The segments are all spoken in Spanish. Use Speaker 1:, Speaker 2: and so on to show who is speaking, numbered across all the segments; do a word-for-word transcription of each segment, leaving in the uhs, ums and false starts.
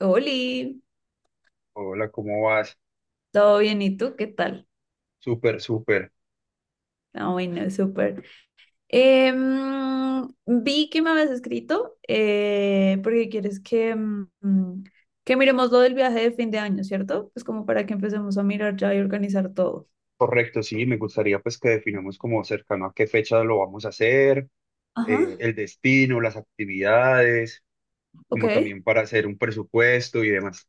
Speaker 1: Oli,
Speaker 2: Hola, ¿cómo vas?
Speaker 1: todo bien, ¿y tú qué tal?
Speaker 2: Súper, súper.
Speaker 1: Ah, bueno, súper. Em, vi que me habías escrito eh, porque quieres que, mm, mm, que miremos lo del viaje de fin de año, ¿cierto? Pues como para que empecemos a mirar ya y organizar todo.
Speaker 2: Correcto, sí, me gustaría pues que definamos como cercano a qué fecha lo vamos a hacer,
Speaker 1: Ajá,
Speaker 2: eh, el destino, las actividades,
Speaker 1: ok.
Speaker 2: como también para hacer un presupuesto y demás.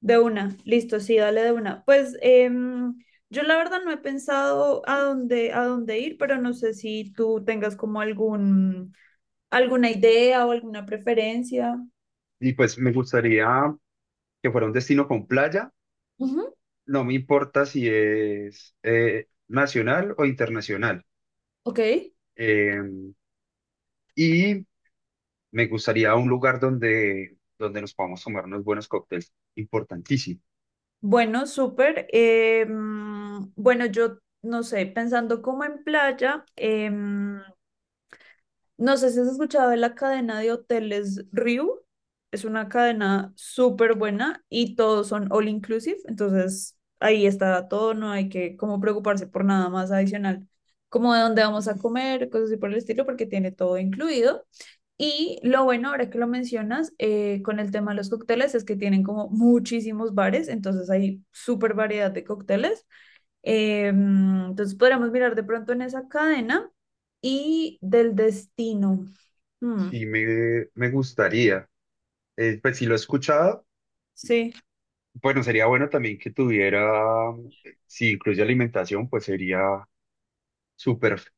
Speaker 1: De una, listo, sí, dale de una. Pues em, yo la verdad no he pensado a dónde, a dónde ir, pero no sé si tú tengas como algún, alguna idea o alguna preferencia.
Speaker 2: Y pues me gustaría que fuera un destino con playa,
Speaker 1: Ujú,
Speaker 2: no me importa si es eh, nacional o internacional.
Speaker 1: ok.
Speaker 2: Eh, y me gustaría un lugar donde, donde nos podamos tomar unos buenos cócteles, importantísimo.
Speaker 1: Bueno, súper. Eh, mm, bueno, yo no sé, pensando como en playa, eh, mm, no sé si has escuchado de la cadena de hoteles Riu. Es una cadena súper buena y todos son all inclusive. Entonces ahí está todo, no hay que como preocuparse por nada más adicional, como de dónde vamos a comer, cosas así por el estilo, porque tiene todo incluido. Y lo bueno, ahora que lo mencionas, eh, con el tema de los cócteles es que tienen como muchísimos bares, entonces hay súper variedad de cócteles. Eh, entonces podríamos mirar de pronto en esa cadena y del destino. Mm,
Speaker 2: Sí, me, me gustaría. Eh, pues si lo he escuchado,
Speaker 1: sí,
Speaker 2: bueno, sería bueno también que tuviera, mm, eh, si incluye alimentación, pues sería súper.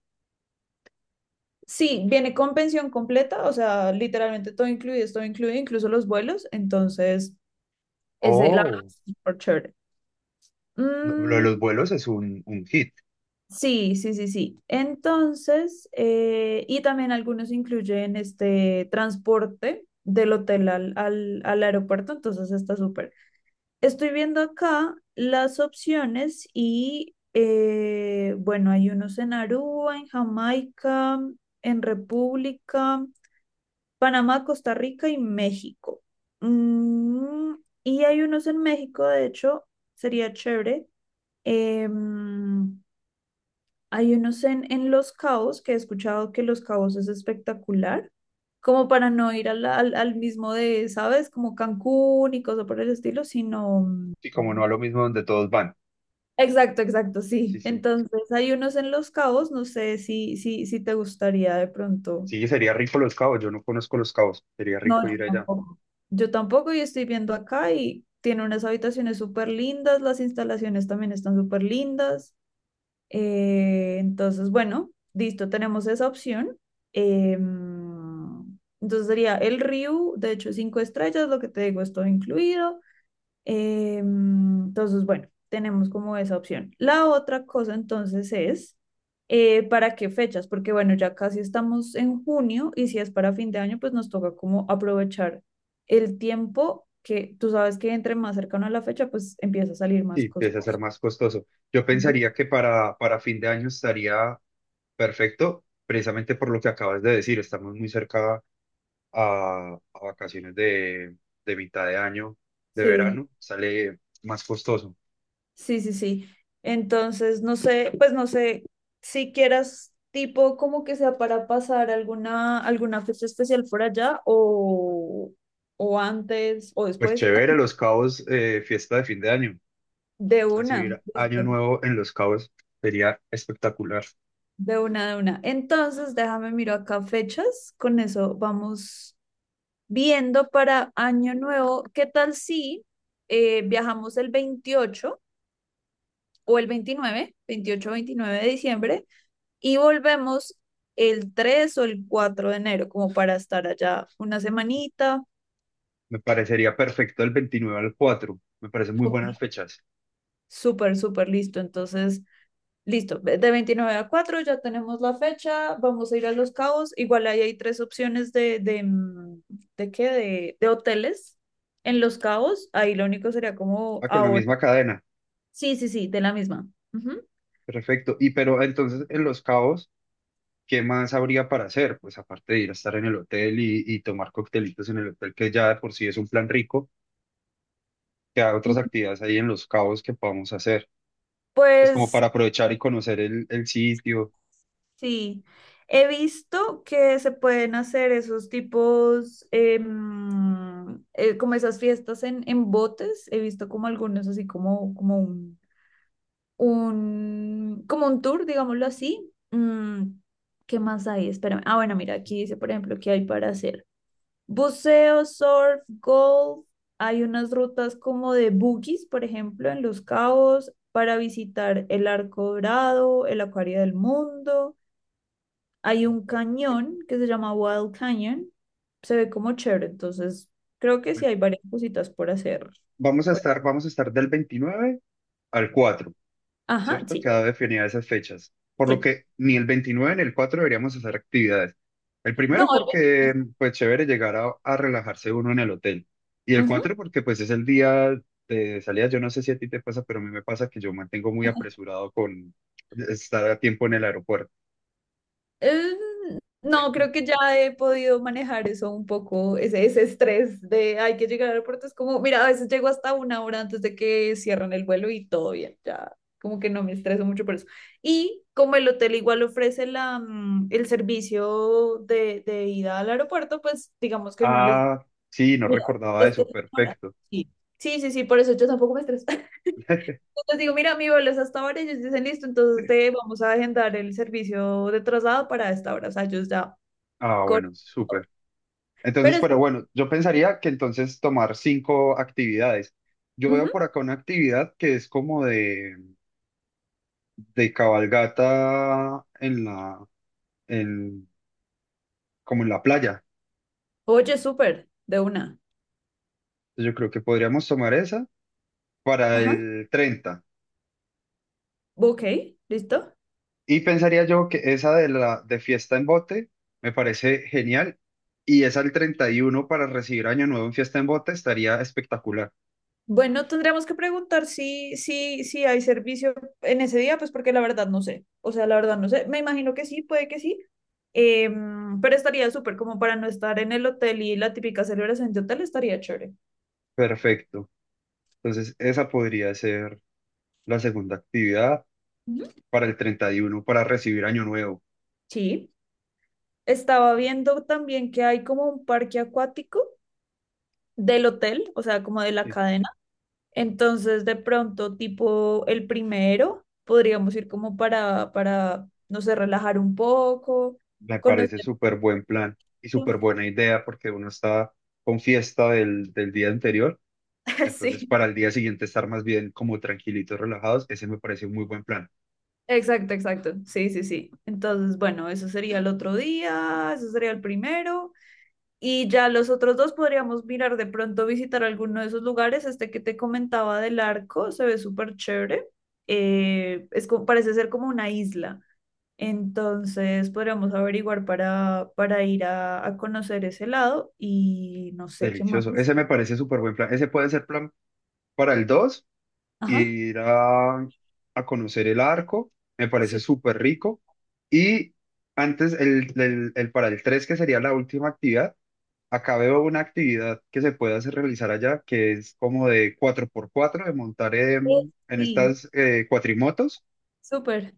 Speaker 1: sí, viene con pensión completa, o sea, literalmente todo incluido, es todo incluido, incluso los vuelos, entonces ese, la verdad,
Speaker 2: Oh,
Speaker 1: es súper chévere.
Speaker 2: no, lo de los
Speaker 1: Mm,
Speaker 2: vuelos es un, un hit.
Speaker 1: sí, sí, sí, sí. Entonces, eh, y también algunos incluyen este transporte del hotel al, al, al aeropuerto, entonces está súper. Estoy viendo acá las opciones y, eh, bueno, hay unos en Aruba, en Jamaica, en República, Panamá, Costa Rica y México. Mm, y hay unos en México, de hecho, sería chévere. em, hay unos en, en Los Cabos que he escuchado que Los Cabos es espectacular, como para no ir al, al, al mismo de, ¿sabes? Como Cancún y cosas por el estilo, sino.
Speaker 2: Sí, como no
Speaker 1: mm,
Speaker 2: a lo mismo donde todos van.
Speaker 1: Exacto, exacto,
Speaker 2: Sí,
Speaker 1: sí.
Speaker 2: sí.
Speaker 1: Entonces hay unos en Los Cabos, no sé si, si, si te gustaría de pronto.
Speaker 2: Sí, sería rico Los Cabos. Yo no conozco Los Cabos. Sería
Speaker 1: No,
Speaker 2: rico ir
Speaker 1: yo
Speaker 2: allá.
Speaker 1: tampoco. Yo tampoco y estoy viendo acá y tiene unas habitaciones súper lindas, las instalaciones también están súper lindas. Eh, entonces, bueno, listo, tenemos esa opción. Em, entonces sería el Ryu, de hecho, cinco estrellas, lo que te digo es todo incluido. Em, entonces, bueno, tenemos como esa opción. La otra cosa entonces es, eh, ¿para qué fechas? Porque bueno, ya casi estamos en junio y si es para fin de año, pues nos toca como aprovechar el tiempo que tú sabes que entre más cercano a la fecha, pues empieza a salir más
Speaker 2: Sí, empieza a ser
Speaker 1: costoso.
Speaker 2: más costoso. Yo
Speaker 1: Ujú.
Speaker 2: pensaría que para, para fin de año estaría perfecto, precisamente por lo que acabas de decir. Estamos muy cerca a, a vacaciones de, de mitad de año, de
Speaker 1: Sí.
Speaker 2: verano, sale más costoso.
Speaker 1: Sí, sí, sí. Entonces, no sé, pues no sé si quieras tipo como que sea para pasar alguna, alguna fecha especial por allá o, o, antes o
Speaker 2: Pues
Speaker 1: después.
Speaker 2: chévere, Los Cabos, eh, fiesta de fin de año.
Speaker 1: De una,
Speaker 2: Recibir Año
Speaker 1: listo.
Speaker 2: Nuevo en Los Cabos sería espectacular.
Speaker 1: De una, de una. Entonces, déjame miro acá fechas. Con eso vamos viendo para Año Nuevo. ¿Qué tal si eh, viajamos el veintiocho o el veintinueve veintiocho veintinueve de diciembre? y volvemos el tres o el cuatro de enero, como para estar allá una semanita.
Speaker 2: Me parecería perfecto el veintinueve al cuatro. Me parecen muy buenas fechas.
Speaker 1: Súper, súper listo. Entonces, listo, de veintinueve a cuatro ya tenemos la fecha, vamos a ir a Los Cabos. Igual ahí hay tres opciones de, de, mm, de qué, de, de hoteles en Los Cabos. Ahí lo único sería como
Speaker 2: Ah, con la
Speaker 1: ahora.
Speaker 2: misma cadena.
Speaker 1: Sí, sí, sí, de la misma. Ujú.
Speaker 2: Perfecto. Y pero entonces en Los Cabos, ¿qué más habría para hacer? Pues aparte de ir a estar en el hotel y, y tomar coctelitos en el hotel, que ya de por sí es un plan rico, que hay otras actividades ahí en Los Cabos que podamos hacer. Es como
Speaker 1: Pues
Speaker 2: para aprovechar y conocer el, el sitio.
Speaker 1: Sí, he visto que se pueden hacer esos tipos, em, eh, como esas fiestas en, en botes. He visto como algunos así como, como un, un, como un tour, digámoslo así. Mm, ¿qué más hay? Espérame. Ah, bueno, mira, aquí dice, por ejemplo, que hay para hacer buceo, surf, golf. Hay unas rutas como de buggies, por ejemplo, en Los Cabos, para visitar el Arco Dorado, el Acuario del Mundo. Hay un
Speaker 2: Ok.
Speaker 1: cañón que se llama Wild Canyon. Se ve como chévere, entonces creo que sí
Speaker 2: Bueno,
Speaker 1: hay varias cositas por hacer.
Speaker 2: vamos a
Speaker 1: por-
Speaker 2: estar, vamos a estar del veintinueve al cuatro,
Speaker 1: Ajá,
Speaker 2: ¿cierto?
Speaker 1: sí,
Speaker 2: Queda definida esas fechas. Por lo
Speaker 1: sí.
Speaker 2: que ni el veintinueve ni el cuatro deberíamos hacer actividades. El
Speaker 1: No,
Speaker 2: primero porque, pues, chévere llegar a, a relajarse uno en el hotel. Y el
Speaker 1: ujú.
Speaker 2: cuatro porque, pues, es el día de salida. Yo no sé si a ti te pasa, pero a mí me pasa que yo mantengo muy apresurado con estar a tiempo en el aeropuerto.
Speaker 1: Eh, no, creo que ya he podido manejar eso un poco, ese, ese estrés de hay que llegar al aeropuerto. Es como, mira, a veces llego hasta una hora antes de que cierren el vuelo y todo bien, ya como que no me estreso mucho por eso. Y como el hotel igual ofrece la, mm, el servicio de, de ida al aeropuerto, pues digamos que uno les
Speaker 2: Ah, sí, no
Speaker 1: mira,
Speaker 2: recordaba
Speaker 1: esto
Speaker 2: eso.
Speaker 1: es ahora.
Speaker 2: Perfecto.
Speaker 1: Sí. Sí, sí, sí, por eso yo tampoco me estreso. Entonces digo, mira, mi vuelo es hasta ahora, ellos dicen, listo, entonces te vamos a agendar el servicio de traslado para esta hora. O sea, ellos ya
Speaker 2: Ah, bueno,
Speaker 1: cortan todo.
Speaker 2: súper. Entonces,
Speaker 1: Pero, es-
Speaker 2: pero bueno, yo pensaría que entonces tomar cinco actividades. Yo veo
Speaker 1: Ujú.
Speaker 2: por acá una actividad que es como de, de cabalgata en la, en, como en la playa.
Speaker 1: Oye, súper, de una.
Speaker 2: Yo creo que podríamos tomar esa para
Speaker 1: Ajá.
Speaker 2: el treinta.
Speaker 1: Ok, listo.
Speaker 2: Y pensaría yo que esa de la de fiesta en bote me parece genial. Y esa el treinta y uno para recibir Año Nuevo en fiesta en bote estaría espectacular.
Speaker 1: Bueno, tendríamos que preguntar si, si, si hay servicio en ese día, pues porque la verdad no sé. O sea, la verdad no sé. Me imagino que sí, puede que sí. Em, pero estaría súper como para no estar en el hotel y la típica celebración de hotel estaría chévere.
Speaker 2: Perfecto. Entonces, esa podría ser la segunda actividad
Speaker 1: Ujú.
Speaker 2: para el treinta y uno para recibir Año Nuevo.
Speaker 1: Sí, estaba viendo también que hay como un parque acuático del hotel, o sea, como de la
Speaker 2: Sí,
Speaker 1: cadena. Entonces, de pronto, tipo el primero, podríamos ir como para, para, no sé, relajar un poco,
Speaker 2: me parece
Speaker 1: conocer.
Speaker 2: súper buen plan y súper buena idea porque uno está con fiesta del, del día anterior, entonces
Speaker 1: Sí,
Speaker 2: para el día siguiente estar más bien como tranquilitos, relajados, ese me parece un muy buen plan.
Speaker 1: Exacto, exacto. Sí, sí, sí. Entonces, bueno, eso sería el otro día, eso sería el primero. Y ya los otros dos podríamos mirar de pronto visitar alguno de esos lugares. Este que te comentaba del arco se ve súper chévere. Eh, es como, parece ser como una isla. Entonces podríamos averiguar para, para ir a, a conocer ese lado y no sé qué más.
Speaker 2: Delicioso, ese me parece súper buen plan. Ese puede ser plan para el dos,
Speaker 1: Ajá,
Speaker 2: ir a, a conocer el arco, me parece
Speaker 1: sí.
Speaker 2: súper rico. Y antes, el, el, el para el tres que sería la última actividad. Acá veo una actividad que se puede hacer realizar allá, que es como de cuatro por cuatro, de montar en, en
Speaker 1: Sí,
Speaker 2: estas eh, cuatrimotos.
Speaker 1: súper.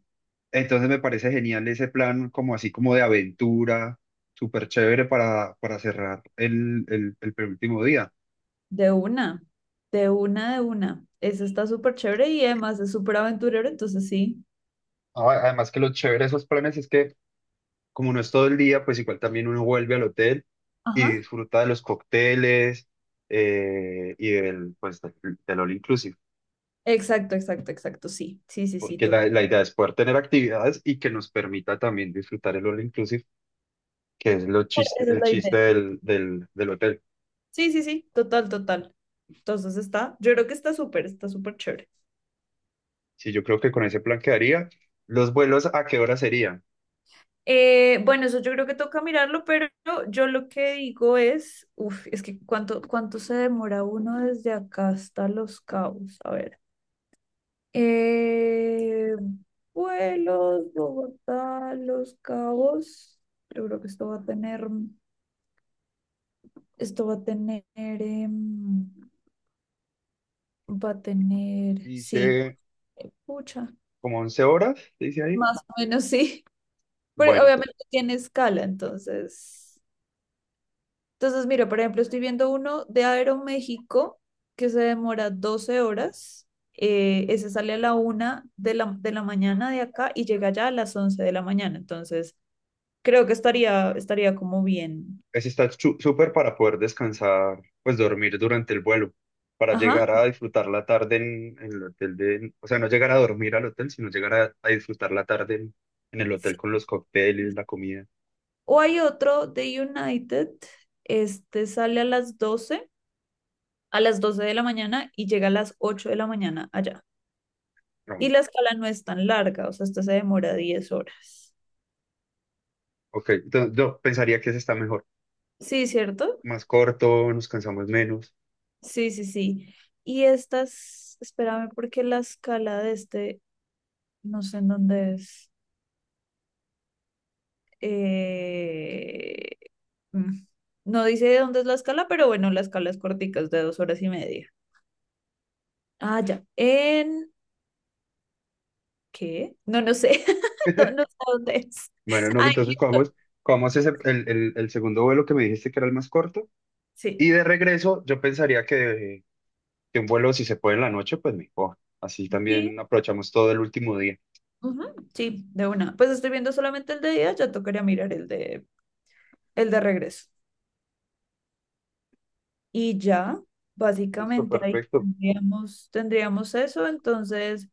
Speaker 2: Entonces me parece genial ese plan, como así como de aventura, súper chévere para, para cerrar el, el, el penúltimo día.
Speaker 1: De una, de una, de una. Eso está súper chévere y además es súper aventurero, entonces sí.
Speaker 2: Ah, además que lo chévere de esos planes es que como no es todo el día, pues igual también uno vuelve al hotel y
Speaker 1: Ajá.
Speaker 2: disfruta de los cócteles eh, y del, pues, del del all inclusive.
Speaker 1: Exacto, exacto, exacto, sí. Sí, sí, sí,
Speaker 2: Porque
Speaker 1: total.
Speaker 2: la, la idea es poder tener actividades y que nos permita también disfrutar el all inclusive, que es lo chiste,
Speaker 1: Esa es
Speaker 2: el
Speaker 1: la
Speaker 2: chiste
Speaker 1: idea.
Speaker 2: del, del, del hotel.
Speaker 1: Sí, sí, sí, total, total. Entonces está, yo creo que está súper, está súper chévere.
Speaker 2: Sí, yo creo que con ese plan quedaría. ¿Los vuelos a qué hora serían?
Speaker 1: Eh, bueno, eso yo creo que toca mirarlo, pero yo lo que digo es, uf, es que cuánto, cuánto se demora uno desde acá hasta Los Cabos. A ver. Eh, vuelos, Bogotá, Los Cabos. Yo creo que esto va a tener, esto va a tener, em, va a tener, sí,
Speaker 2: Dice
Speaker 1: pucha,
Speaker 2: como once horas, dice ahí.
Speaker 1: más o menos sí, pero
Speaker 2: Bueno,
Speaker 1: obviamente tiene escala, entonces, entonces, mira, por ejemplo, estoy viendo uno de Aeroméxico que se demora doce horas. Eh, ese sale a la una de la, de la mañana de acá y llega ya a las once de la mañana. Entonces, Creo que estaría, estaría como bien.
Speaker 2: ese está chu- súper para poder descansar, pues dormir durante el vuelo, para
Speaker 1: Ajá.
Speaker 2: llegar a disfrutar la tarde en, en el hotel de, o sea, no llegar a dormir al hotel, sino llegar a, a disfrutar la tarde en, en el hotel
Speaker 1: sí.
Speaker 2: con los cócteles, la comida.
Speaker 1: O hay otro de United, este sale a las doce a las doce de la mañana y llega a las ocho de la mañana allá. Y
Speaker 2: No,
Speaker 1: la escala no es tan larga, o sea, esta se demora diez horas.
Speaker 2: ok, entonces yo pensaría que ese está mejor,
Speaker 1: Sí, ¿cierto?
Speaker 2: más corto, nos cansamos menos.
Speaker 1: Sí, sí, sí. Y estas, espérame, porque la escala de este, no sé en dónde es. Eh, mm, No dice de dónde es la escala, pero bueno, la escala es cortica, es de dos horas y media. Ah, ya. ¿En qué? No, no sé. No, no sé dónde es.
Speaker 2: Bueno, no,
Speaker 1: Ah, en
Speaker 2: entonces
Speaker 1: Egipto.
Speaker 2: cogemos, cogemos ese, el, el, el segundo vuelo que me dijiste que era el más corto.
Speaker 1: Sí.
Speaker 2: Y de regreso, yo pensaría que, que un vuelo, si se puede en la noche, pues mejor. Así
Speaker 1: Sí.
Speaker 2: también aprovechamos todo el último día.
Speaker 1: ujú, sí, de una. Pues estoy viendo solamente el de día, ya tocaría mirar el de, el de regreso. Y ya,
Speaker 2: Listo,
Speaker 1: básicamente ahí
Speaker 2: perfecto.
Speaker 1: tendríamos, tendríamos eso. Entonces,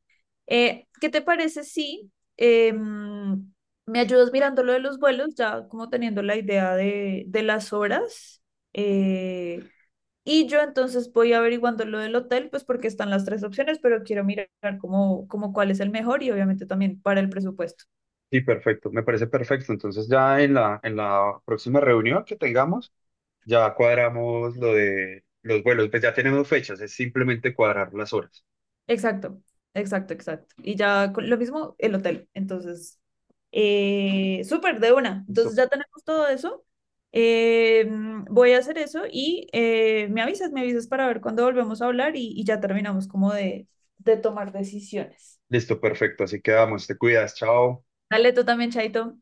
Speaker 1: eh, ¿qué te parece si em, me ayudas mirando lo de los vuelos, ya como teniendo la idea de, de las horas? Eh, Y yo entonces voy averiguando lo del hotel, pues porque están las tres opciones, pero quiero mirar cómo, cómo cuál es el mejor y obviamente también para el presupuesto.
Speaker 2: Sí, perfecto, me parece perfecto. Entonces ya en la, en la próxima reunión que tengamos, ya cuadramos lo de los vuelos. Pues ya tenemos fechas, es simplemente cuadrar las horas.
Speaker 1: Exacto, exacto, exacto. Y ya con- lo mismo el hotel. Entonces, eh, súper de una. Entonces
Speaker 2: Listo,
Speaker 1: ya tenemos todo eso. Eh, mm, voy a hacer eso y eh, me avisas, me avisas para ver cuándo volvemos a hablar y, y ya terminamos como de, de tomar decisiones.
Speaker 2: listo, perfecto. Así quedamos, te cuidas, chao.
Speaker 1: Dale tú también, Chaito.